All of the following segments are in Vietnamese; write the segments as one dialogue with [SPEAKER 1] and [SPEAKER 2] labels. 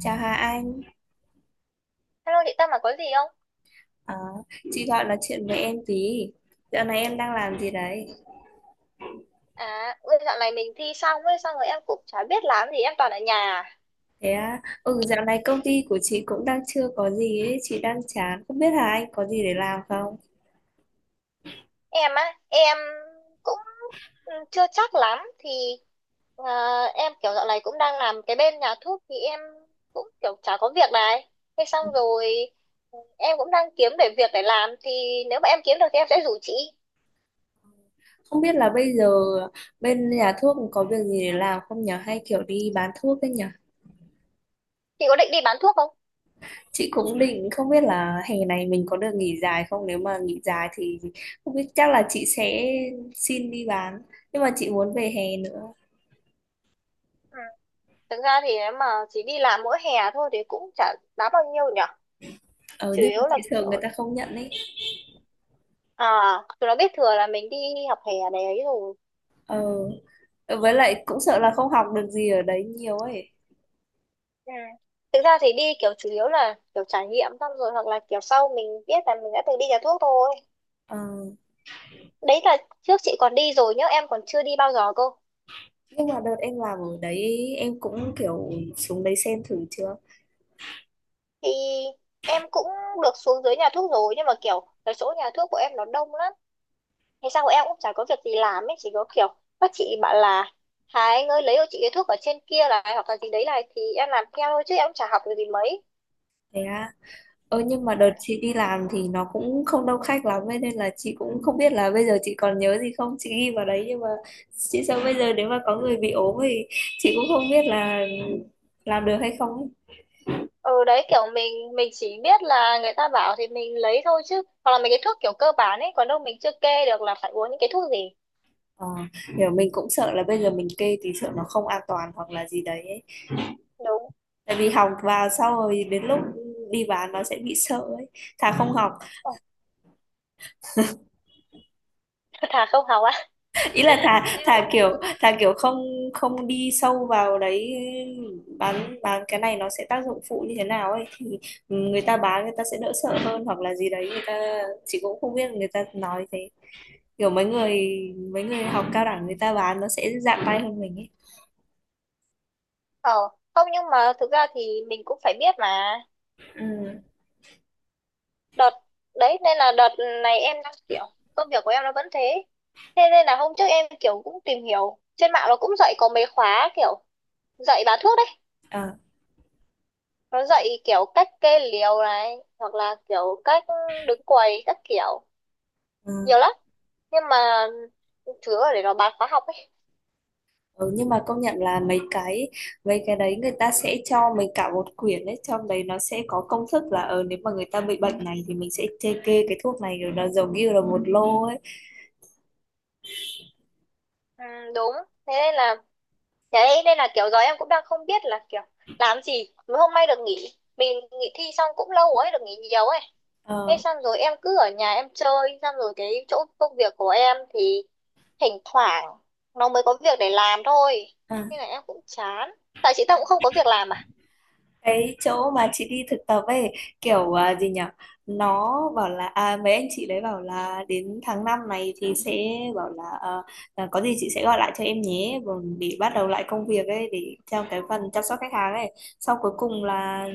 [SPEAKER 1] Chào Hà Anh.
[SPEAKER 2] Hello chị Tâm mà có gì không?
[SPEAKER 1] Ờ, chị gọi là chuyện với em tí. Dạo này em đang làm gì đấy?
[SPEAKER 2] À, ôi, dạo này mình thi xong ấy, xong rồi em cũng chả biết làm gì, em toàn ở nhà.
[SPEAKER 1] Thế à? Ừ, dạo này công ty của chị cũng đang chưa có gì ấy, chị đang chán. Không biết Hà Anh có gì để làm không?
[SPEAKER 2] Em á, em cũng chưa chắc lắm, thì ờ, em kiểu dạo này cũng đang làm cái bên nhà thuốc thì em cũng kiểu chả có việc này. Thế xong rồi em cũng đang kiếm để việc để làm, thì nếu mà em kiếm được thì em sẽ rủ chị.
[SPEAKER 1] Không biết là bây giờ bên nhà thuốc có việc gì để làm không nhở? Hay kiểu đi bán thuốc ấy nhở?
[SPEAKER 2] Chị có định đi bán thuốc không?
[SPEAKER 1] Chị cũng định không biết là hè này mình có được nghỉ dài không? Nếu mà nghỉ dài thì không biết chắc là chị sẽ xin đi bán. Nhưng mà chị muốn về hè nữa.
[SPEAKER 2] Ừ. Thực ra thì nếu mà chỉ đi làm mỗi hè thôi thì cũng chả đáng bao nhiêu nhở.
[SPEAKER 1] Ờ,
[SPEAKER 2] Chủ
[SPEAKER 1] nhưng mà
[SPEAKER 2] yếu là
[SPEAKER 1] chị sợ
[SPEAKER 2] kiểu.
[SPEAKER 1] người ta không nhận ấy.
[SPEAKER 2] À, Tụi nó biết thừa là mình đi học hè này ấy rồi.
[SPEAKER 1] Ờ, với lại cũng sợ là không học được gì ở đấy nhiều ấy.
[SPEAKER 2] Ừ. Thực ra thì đi kiểu chủ yếu là kiểu trải nghiệm xong rồi hoặc là kiểu sau mình biết là mình đã từng đi nhà thuốc thôi.
[SPEAKER 1] Ờ,
[SPEAKER 2] Đấy là trước chị còn đi rồi nhớ em còn chưa đi bao giờ cơ.
[SPEAKER 1] nhưng mà đợt em làm ở đấy em cũng kiểu xuống đấy xem thử chưa.
[SPEAKER 2] Thì em cũng được xuống dưới nhà thuốc rồi nhưng mà kiểu cái chỗ nhà thuốc của em nó đông lắm. Thế sao em cũng chả có việc gì làm ấy, chỉ có kiểu các chị bảo là Hà Anh ơi lấy cho chị cái thuốc ở trên kia này hoặc là gì đấy này thì em làm theo thôi chứ em cũng chả học được gì mấy.
[SPEAKER 1] Thế à? Ơ, nhưng mà đợt chị đi làm thì nó cũng không đông khách lắm ấy, nên là chị cũng không biết là bây giờ chị còn nhớ gì không, chị ghi vào đấy, nhưng mà chị sợ bây giờ nếu mà có người bị ốm thì chị cũng không biết là làm được hay không ấy.
[SPEAKER 2] Ừ, đấy kiểu mình chỉ biết là người ta bảo thì mình lấy thôi chứ hoặc là mấy cái thuốc kiểu cơ bản ấy còn đâu mình chưa kê được là phải uống những cái thuốc gì.
[SPEAKER 1] Ờ, kiểu mình cũng sợ là bây giờ mình kê thì sợ nó không an toàn hoặc là gì đấy ấy.
[SPEAKER 2] Đúng.
[SPEAKER 1] Tại vì học vào sau rồi đến lúc đi bán nó sẽ bị sợ ấy, thà không học.
[SPEAKER 2] Ừ. Thà không học á.
[SPEAKER 1] Ý là thà
[SPEAKER 2] Em.
[SPEAKER 1] thà kiểu không không đi sâu vào đấy, bán cái này nó sẽ tác dụng phụ như thế nào ấy, thì người ta bán người ta sẽ đỡ sợ hơn hoặc là gì đấy, người ta, chị cũng không biết, người ta nói thế, kiểu mấy người học cao đẳng người ta bán nó sẽ dạng tay hơn mình ấy.
[SPEAKER 2] ờ không nhưng mà thực ra thì mình cũng phải biết mà.
[SPEAKER 1] Ừ.
[SPEAKER 2] Đợt. Đấy nên là đợt này em đang kiểu, công việc của em nó vẫn thế. Thế nên là hôm trước em kiểu cũng tìm hiểu trên mạng nó cũng dạy có mấy khóa kiểu dạy bán thuốc đấy.
[SPEAKER 1] Ờ.
[SPEAKER 2] Nó dạy kiểu cách kê liều này hoặc là kiểu cách đứng quầy các kiểu
[SPEAKER 1] Ừ.
[SPEAKER 2] nhiều lắm, nhưng mà thứ ở để nó bán khóa học ấy.
[SPEAKER 1] Ừ, nhưng mà công nhận là mấy cái đấy người ta sẽ cho mình cả một quyển, đấy trong đấy nó sẽ có công thức là, nếu mà người ta bị bệnh này thì mình sẽ kê kê cái thuốc này, rồi nó giống như là một lô ấy.
[SPEAKER 2] Ừ, đúng. Thế nên là đấy nên là kiểu giờ em cũng đang không biết là kiểu làm gì. Mới hôm nay được nghỉ, mình nghỉ thi xong cũng lâu ấy, được nghỉ nhiều ấy. Thế
[SPEAKER 1] Ờ.
[SPEAKER 2] xong rồi em cứ ở nhà em chơi, xong rồi cái chỗ công việc của em thì thỉnh thoảng nó mới có việc để làm thôi.
[SPEAKER 1] À.
[SPEAKER 2] Nên là em cũng chán. Tại chị ta cũng không có việc làm à?
[SPEAKER 1] Cái chỗ mà chị đi thực tập ấy kiểu, à, gì nhỉ, nó bảo là, à, mấy anh chị đấy bảo là đến tháng 5 này thì sẽ bảo là, có gì chị sẽ gọi lại cho em nhé, còn để bắt đầu lại công việc ấy, để theo cái phần chăm sóc khách hàng ấy. Sau cuối cùng là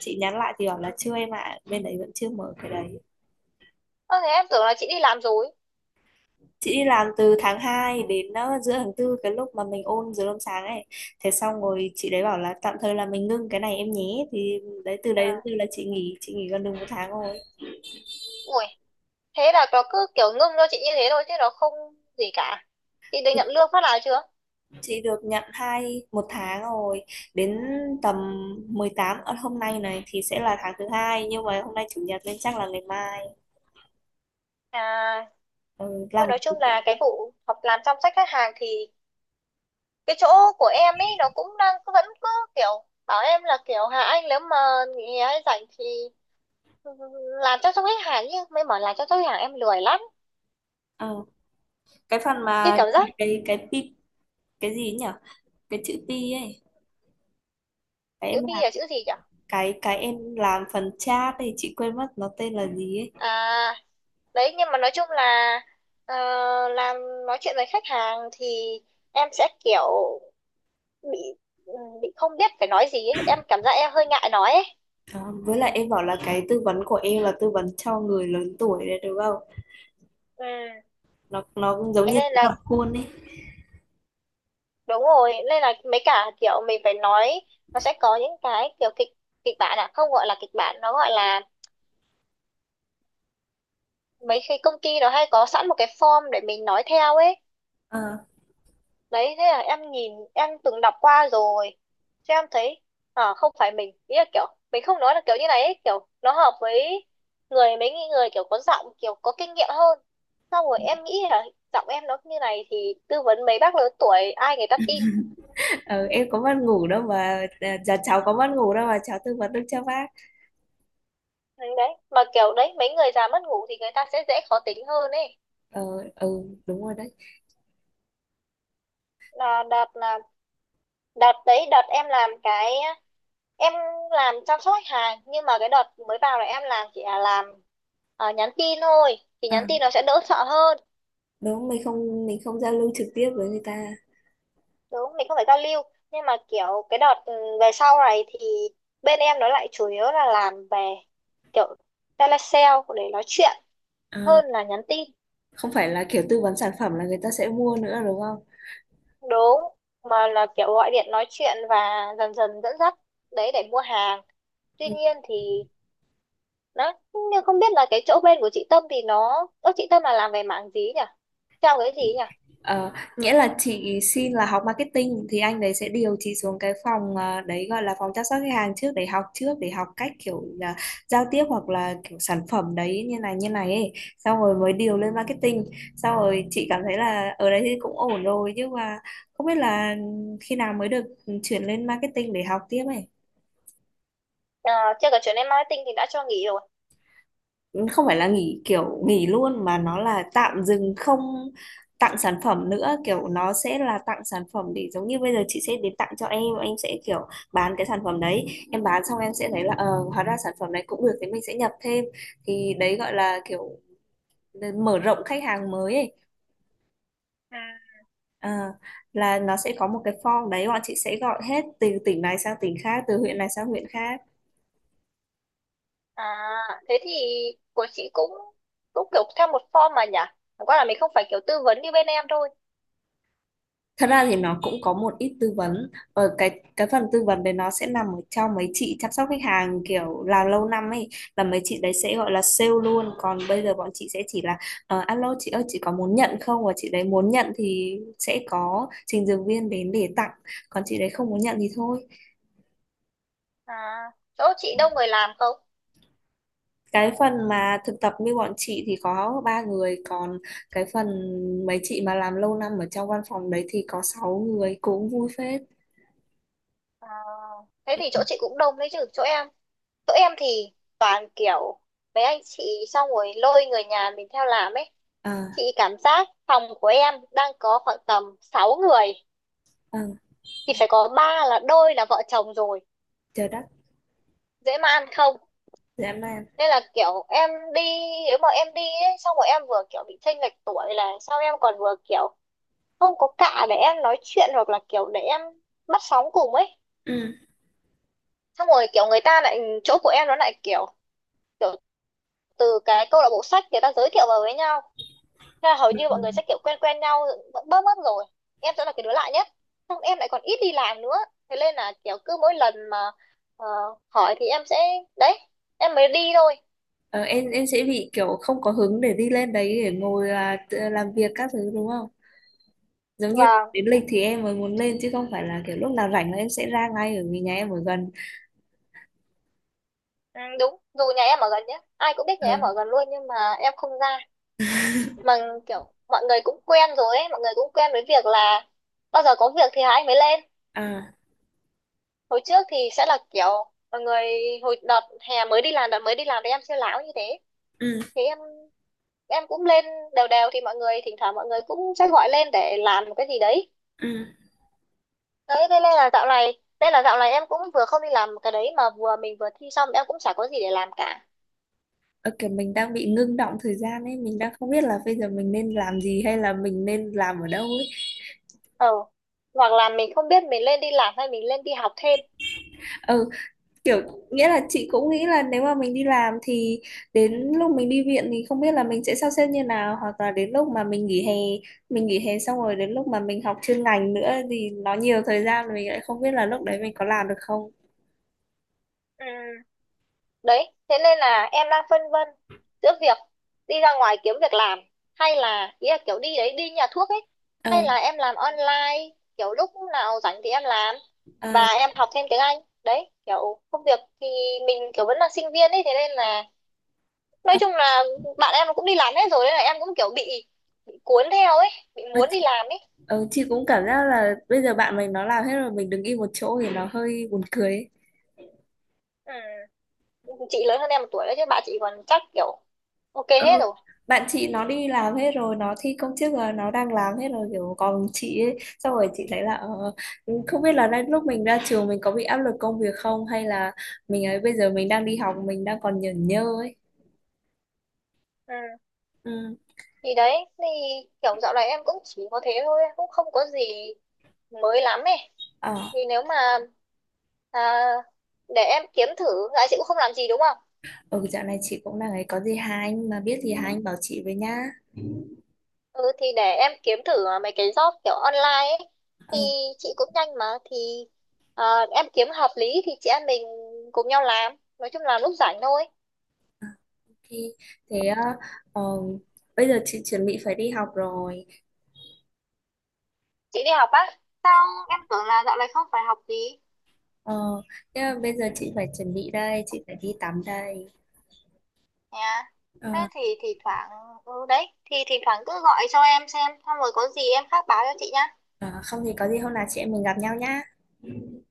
[SPEAKER 1] chị nhắn lại thì bảo là chưa em ạ, bên đấy vẫn chưa mở cái đấy.
[SPEAKER 2] Ơ thế em tưởng là chị đi làm rồi.
[SPEAKER 1] Chị đi làm từ tháng 2 đến giữa tháng tư, cái lúc mà mình ôn dưới hôm sáng ấy. Thế xong rồi chị đấy bảo là tạm thời là mình ngưng cái này em nhé, thì đấy từ đấy đến
[SPEAKER 2] À
[SPEAKER 1] từ là chị nghỉ gần được một tháng rồi.
[SPEAKER 2] ui, thế là nó cứ kiểu ngưng cho chị như thế thôi chứ nó không gì cả. Chị được nhận lương phát nào chưa?
[SPEAKER 1] Chị được nhận hai một tháng rồi. Đến tầm 18 ở hôm nay này thì sẽ là tháng thứ hai, nhưng mà hôm nay chủ nhật nên chắc là ngày mai.
[SPEAKER 2] À,
[SPEAKER 1] Ừ,
[SPEAKER 2] thôi
[SPEAKER 1] làm.
[SPEAKER 2] nói chung là cái vụ học làm chăm sóc khách hàng thì cái chỗ của em ấy nó cũng đang vẫn cứ kiểu bảo em là kiểu Hà Anh nếu mà nghỉ hay rảnh thì làm chăm sóc khách hàng nhưng mới bảo làm chăm sóc khách hàng em lười lắm.
[SPEAKER 1] Ờ, cái phần
[SPEAKER 2] Cái
[SPEAKER 1] mà,
[SPEAKER 2] cảm giác.
[SPEAKER 1] cái pi, cái gì nhỉ, cái chữ pi ấy, cái
[SPEAKER 2] Chữ
[SPEAKER 1] em,
[SPEAKER 2] bi là chữ gì nhỉ?
[SPEAKER 1] cái em làm phần chat thì chị quên mất nó tên là gì ấy.
[SPEAKER 2] À, đấy nhưng mà nói chung là ờ, làm nói chuyện với khách hàng thì em sẽ kiểu bị, ừ, bị không biết phải nói gì ấy, em cảm giác em hơi ngại nói ấy.
[SPEAKER 1] Đó, với lại em bảo là cái tư vấn của em là tư vấn cho người lớn tuổi đấy đúng không,
[SPEAKER 2] Ừ.
[SPEAKER 1] nó cũng giống
[SPEAKER 2] Thế
[SPEAKER 1] như
[SPEAKER 2] nên là
[SPEAKER 1] nó dập khuôn ấy.
[SPEAKER 2] đúng rồi nên là mấy cả kiểu mình phải nói. Nó sẽ có những cái kiểu kịch kịch bản, à không gọi là kịch bản, nó gọi là mấy khi công ty nó hay có sẵn một cái form để mình nói theo ấy.
[SPEAKER 1] Ờ,
[SPEAKER 2] Đấy thế là em nhìn em từng đọc qua rồi. Thế em thấy à, không phải mình, ý là kiểu mình không nói là kiểu như này ấy, kiểu nó hợp với mấy người kiểu có giọng kiểu có kinh nghiệm hơn. Xong rồi em nghĩ là giọng em nó như này thì tư vấn mấy bác lớn tuổi ai người ta tin?
[SPEAKER 1] ờ, em có mất ngủ đâu mà, à, dạ cháu có mất ngủ đâu mà cháu tư vấn được cho bác.
[SPEAKER 2] Ừ, đấy mà kiểu đấy mấy người già mất ngủ thì người ta sẽ dễ khó tính hơn ấy.
[SPEAKER 1] Ờ. Ừ. Đúng rồi đấy.
[SPEAKER 2] Là đợt là đợt đấy đợt em làm cái em làm chăm sóc khách hàng, nhưng mà cái đợt mới vào này em làm chỉ là làm nhắn tin thôi. Thì nhắn
[SPEAKER 1] À,
[SPEAKER 2] tin nó sẽ đỡ sợ hơn.
[SPEAKER 1] đúng, mình không giao lưu trực tiếp với người ta.
[SPEAKER 2] Đúng, mình không phải giao lưu. Nhưng mà kiểu cái đợt về sau này thì bên em nó lại chủ yếu là làm về kiểu telesale để nói chuyện
[SPEAKER 1] À,
[SPEAKER 2] hơn là nhắn tin.
[SPEAKER 1] không phải là kiểu tư vấn sản phẩm là người ta sẽ mua nữa đúng không.
[SPEAKER 2] Đúng, mà là kiểu gọi điện nói chuyện và dần dần dẫn dắt đấy để mua hàng. Tuy nhiên thì đấy, nhưng không biết là cái chỗ bên của chị Tâm thì nó ơ chị Tâm là làm về mảng gì nhỉ? Theo cái gì nhỉ?
[SPEAKER 1] Ờ, nghĩa là chị xin là học marketing thì anh đấy sẽ điều chị xuống cái phòng, đấy gọi là phòng chăm sóc khách hàng trước, để học, trước để học cách kiểu là giao tiếp hoặc là kiểu sản phẩm đấy như này ấy, xong rồi mới điều lên marketing, xong rồi chị cảm thấy là ở đấy thì cũng ổn rồi, nhưng mà không biết là khi nào mới được, chuyển lên marketing để học tiếp ấy.
[SPEAKER 2] À, theo cái chuyện em marketing thì đã cho nghỉ rồi.
[SPEAKER 1] Không phải là nghỉ kiểu nghỉ luôn mà nó là tạm dừng, không tặng sản phẩm nữa, kiểu nó sẽ là tặng sản phẩm để giống như bây giờ chị sẽ đến tặng cho em sẽ kiểu bán cái sản phẩm đấy. Em bán xong em sẽ thấy là, hóa ra sản phẩm này cũng được thì mình sẽ nhập thêm, thì đấy gọi là kiểu mở rộng khách hàng mới ấy.
[SPEAKER 2] À,
[SPEAKER 1] Ờ, là nó sẽ có một cái form đấy, bọn chị sẽ gọi hết từ tỉnh này sang tỉnh khác, từ huyện này sang huyện khác.
[SPEAKER 2] à thế thì của chị cũng cũng kiểu theo một form mà nhỉ, chẳng qua là mình không phải kiểu tư vấn như bên em thôi.
[SPEAKER 1] Thật ra thì nó cũng có một ít tư vấn ở cái phần tư vấn đấy nó sẽ nằm ở trong mấy chị chăm sóc khách hàng kiểu làm lâu năm ấy, là mấy chị đấy sẽ gọi là sale luôn, còn bây giờ bọn chị sẽ chỉ là, alo chị ơi chị có muốn nhận không, và chị đấy muốn nhận thì sẽ có trình dược viên đến để tặng, còn chị đấy không muốn nhận thì thôi.
[SPEAKER 2] À chỗ chị đông người làm không?
[SPEAKER 1] Cái phần mà thực tập như bọn chị thì có ba người, còn cái phần mấy chị mà làm lâu năm ở trong văn phòng đấy thì có sáu người, cũng vui phết.
[SPEAKER 2] À, thế thì chỗ chị cũng đông đấy chứ chỗ em thì toàn kiểu mấy anh chị xong rồi lôi người nhà mình theo làm ấy.
[SPEAKER 1] À.
[SPEAKER 2] Chị cảm giác phòng của em đang có khoảng tầm 6 người.
[SPEAKER 1] À.
[SPEAKER 2] Thì phải có ba là đôi là vợ chồng rồi.
[SPEAKER 1] Chờ đã.
[SPEAKER 2] Dễ mà ăn không.
[SPEAKER 1] Dạ em đây.
[SPEAKER 2] Nên là kiểu em đi, nếu mà em đi ấy, xong rồi em vừa kiểu bị chênh lệch tuổi là sao em còn vừa kiểu không có cạ để em nói chuyện hoặc là kiểu để em bắt sóng cùng ấy.
[SPEAKER 1] Ừ.
[SPEAKER 2] Xong rồi kiểu người ta lại chỗ của em nó lại kiểu, kiểu từ cái câu lạc bộ sách người ta giới thiệu vào với nhau. Thế là hầu như mọi người sẽ kiểu quen quen nhau bớm bớm rồi, em sẽ là cái đứa lạ nhất, xong em lại còn ít đi làm nữa. Thế nên là kiểu cứ mỗi lần mà ờ, hỏi thì em sẽ đấy em mới đi thôi.
[SPEAKER 1] Ờ, em sẽ bị kiểu không có hứng để đi lên đấy để ngồi là làm việc các thứ đúng không? Giống như
[SPEAKER 2] Và
[SPEAKER 1] đến lịch thì em mới muốn lên chứ không phải là kiểu lúc nào rảnh là em sẽ ra ngay ở vì nhà em ở gần.
[SPEAKER 2] ừ, đúng dù nhà em ở gần nhé, ai cũng biết nhà em
[SPEAKER 1] Ừ.
[SPEAKER 2] ở gần luôn nhưng mà em không ra. Mà kiểu mọi người cũng quen rồi ấy, mọi người cũng quen với việc là bao giờ có việc thì 2 anh mới lên.
[SPEAKER 1] À,
[SPEAKER 2] Hồi trước thì sẽ là kiểu mọi người hồi đợt hè mới đi làm đợt mới đi làm thì em siêu láo như thế.
[SPEAKER 1] ừ,
[SPEAKER 2] Thì em cũng lên đều đều thì mọi người thỉnh thoảng mọi người cũng sẽ gọi lên để làm một cái gì đấy.
[SPEAKER 1] ừ.
[SPEAKER 2] Đấy thế nên là dạo này em cũng vừa không đi làm cái đấy mà vừa mình vừa thi xong em cũng chả có gì để làm cả.
[SPEAKER 1] Ờ, kiểu mình đang bị ngưng động thời gian ấy, mình đang không biết là bây giờ mình nên làm gì hay là mình nên làm ở đâu ấy.
[SPEAKER 2] Ờ. Hoặc là mình không biết mình lên đi làm hay mình lên đi học thêm.
[SPEAKER 1] Ừ, kiểu, nghĩa là chị cũng nghĩ là nếu mà mình đi làm thì đến lúc mình đi viện thì không biết là mình sẽ sắp xếp như nào, hoặc là đến lúc mà mình nghỉ hè, mình nghỉ hè xong rồi đến lúc mà mình học chuyên ngành nữa thì nó nhiều thời gian rồi, mình lại không biết là lúc đấy mình có làm được không.
[SPEAKER 2] Ừ. Đấy thế nên là em đang phân vân giữa việc đi ra ngoài kiếm việc làm, hay là ý là kiểu đi đấy đi nhà thuốc ấy, hay
[SPEAKER 1] Ờ.
[SPEAKER 2] là em làm online kiểu lúc nào rảnh thì em làm và
[SPEAKER 1] Ờ.
[SPEAKER 2] em học thêm tiếng Anh. Đấy kiểu công việc thì mình kiểu vẫn là sinh viên ấy, thế nên là nói
[SPEAKER 1] Ờ,
[SPEAKER 2] chung là bạn em cũng đi làm hết rồi, nên là em cũng kiểu bị cuốn theo ấy, bị muốn đi làm ấy.
[SPEAKER 1] ờ, chị cũng cảm giác là bây giờ bạn mình nó làm hết rồi, mình đứng im một chỗ thì nó hơi buồn cười ấy.
[SPEAKER 2] Ừ. Chị lớn hơn em 1 tuổi đấy chứ bạn chị còn chắc kiểu OK hết
[SPEAKER 1] Ừ.
[SPEAKER 2] rồi.
[SPEAKER 1] Bạn chị nó đi làm hết rồi, nó thi công chức rồi, nó đang làm hết rồi, kiểu còn chị ấy, xong rồi chị thấy là, ờ, không biết là đến lúc mình ra trường mình có bị áp lực công việc không, hay là mình ấy bây giờ mình đang đi học, mình đang còn nhởn nhơ ấy.
[SPEAKER 2] Ừ.
[SPEAKER 1] Ừ.
[SPEAKER 2] Thì đấy thì kiểu dạo này em cũng chỉ có thế thôi, cũng không có gì mới lắm ấy.
[SPEAKER 1] Ờ.
[SPEAKER 2] Thì nếu mà à, để em kiếm thử. Dạ chị cũng không làm gì đúng không?
[SPEAKER 1] Ừ, dạo này chị cũng đang ấy, có gì hai anh mà biết gì hai anh bảo chị với nhá.
[SPEAKER 2] Ừ thì để em kiếm thử mấy cái job kiểu online ấy. Thì
[SPEAKER 1] Ờ.
[SPEAKER 2] chị cũng nhanh mà thì à, em kiếm hợp lý thì chị em mình cùng nhau làm, nói chung là lúc rảnh thôi.
[SPEAKER 1] OK. Thế, ờ, ờ, bây giờ chị chuẩn bị phải đi học rồi.
[SPEAKER 2] Chị đi học á? Sao em tưởng là dạo này không phải học gì.
[SPEAKER 1] Ờ, thế là bây giờ chị phải chuẩn bị đây, chị phải đi tắm đây.
[SPEAKER 2] Nha. Thế
[SPEAKER 1] Ờ.
[SPEAKER 2] thì thoảng ừ đấy thì thỉnh thoảng cứ gọi cho em xem xong rồi có gì em khác báo cho chị nha.
[SPEAKER 1] Ờ, không thì có gì hôm nào chị em mình gặp nhau nhá.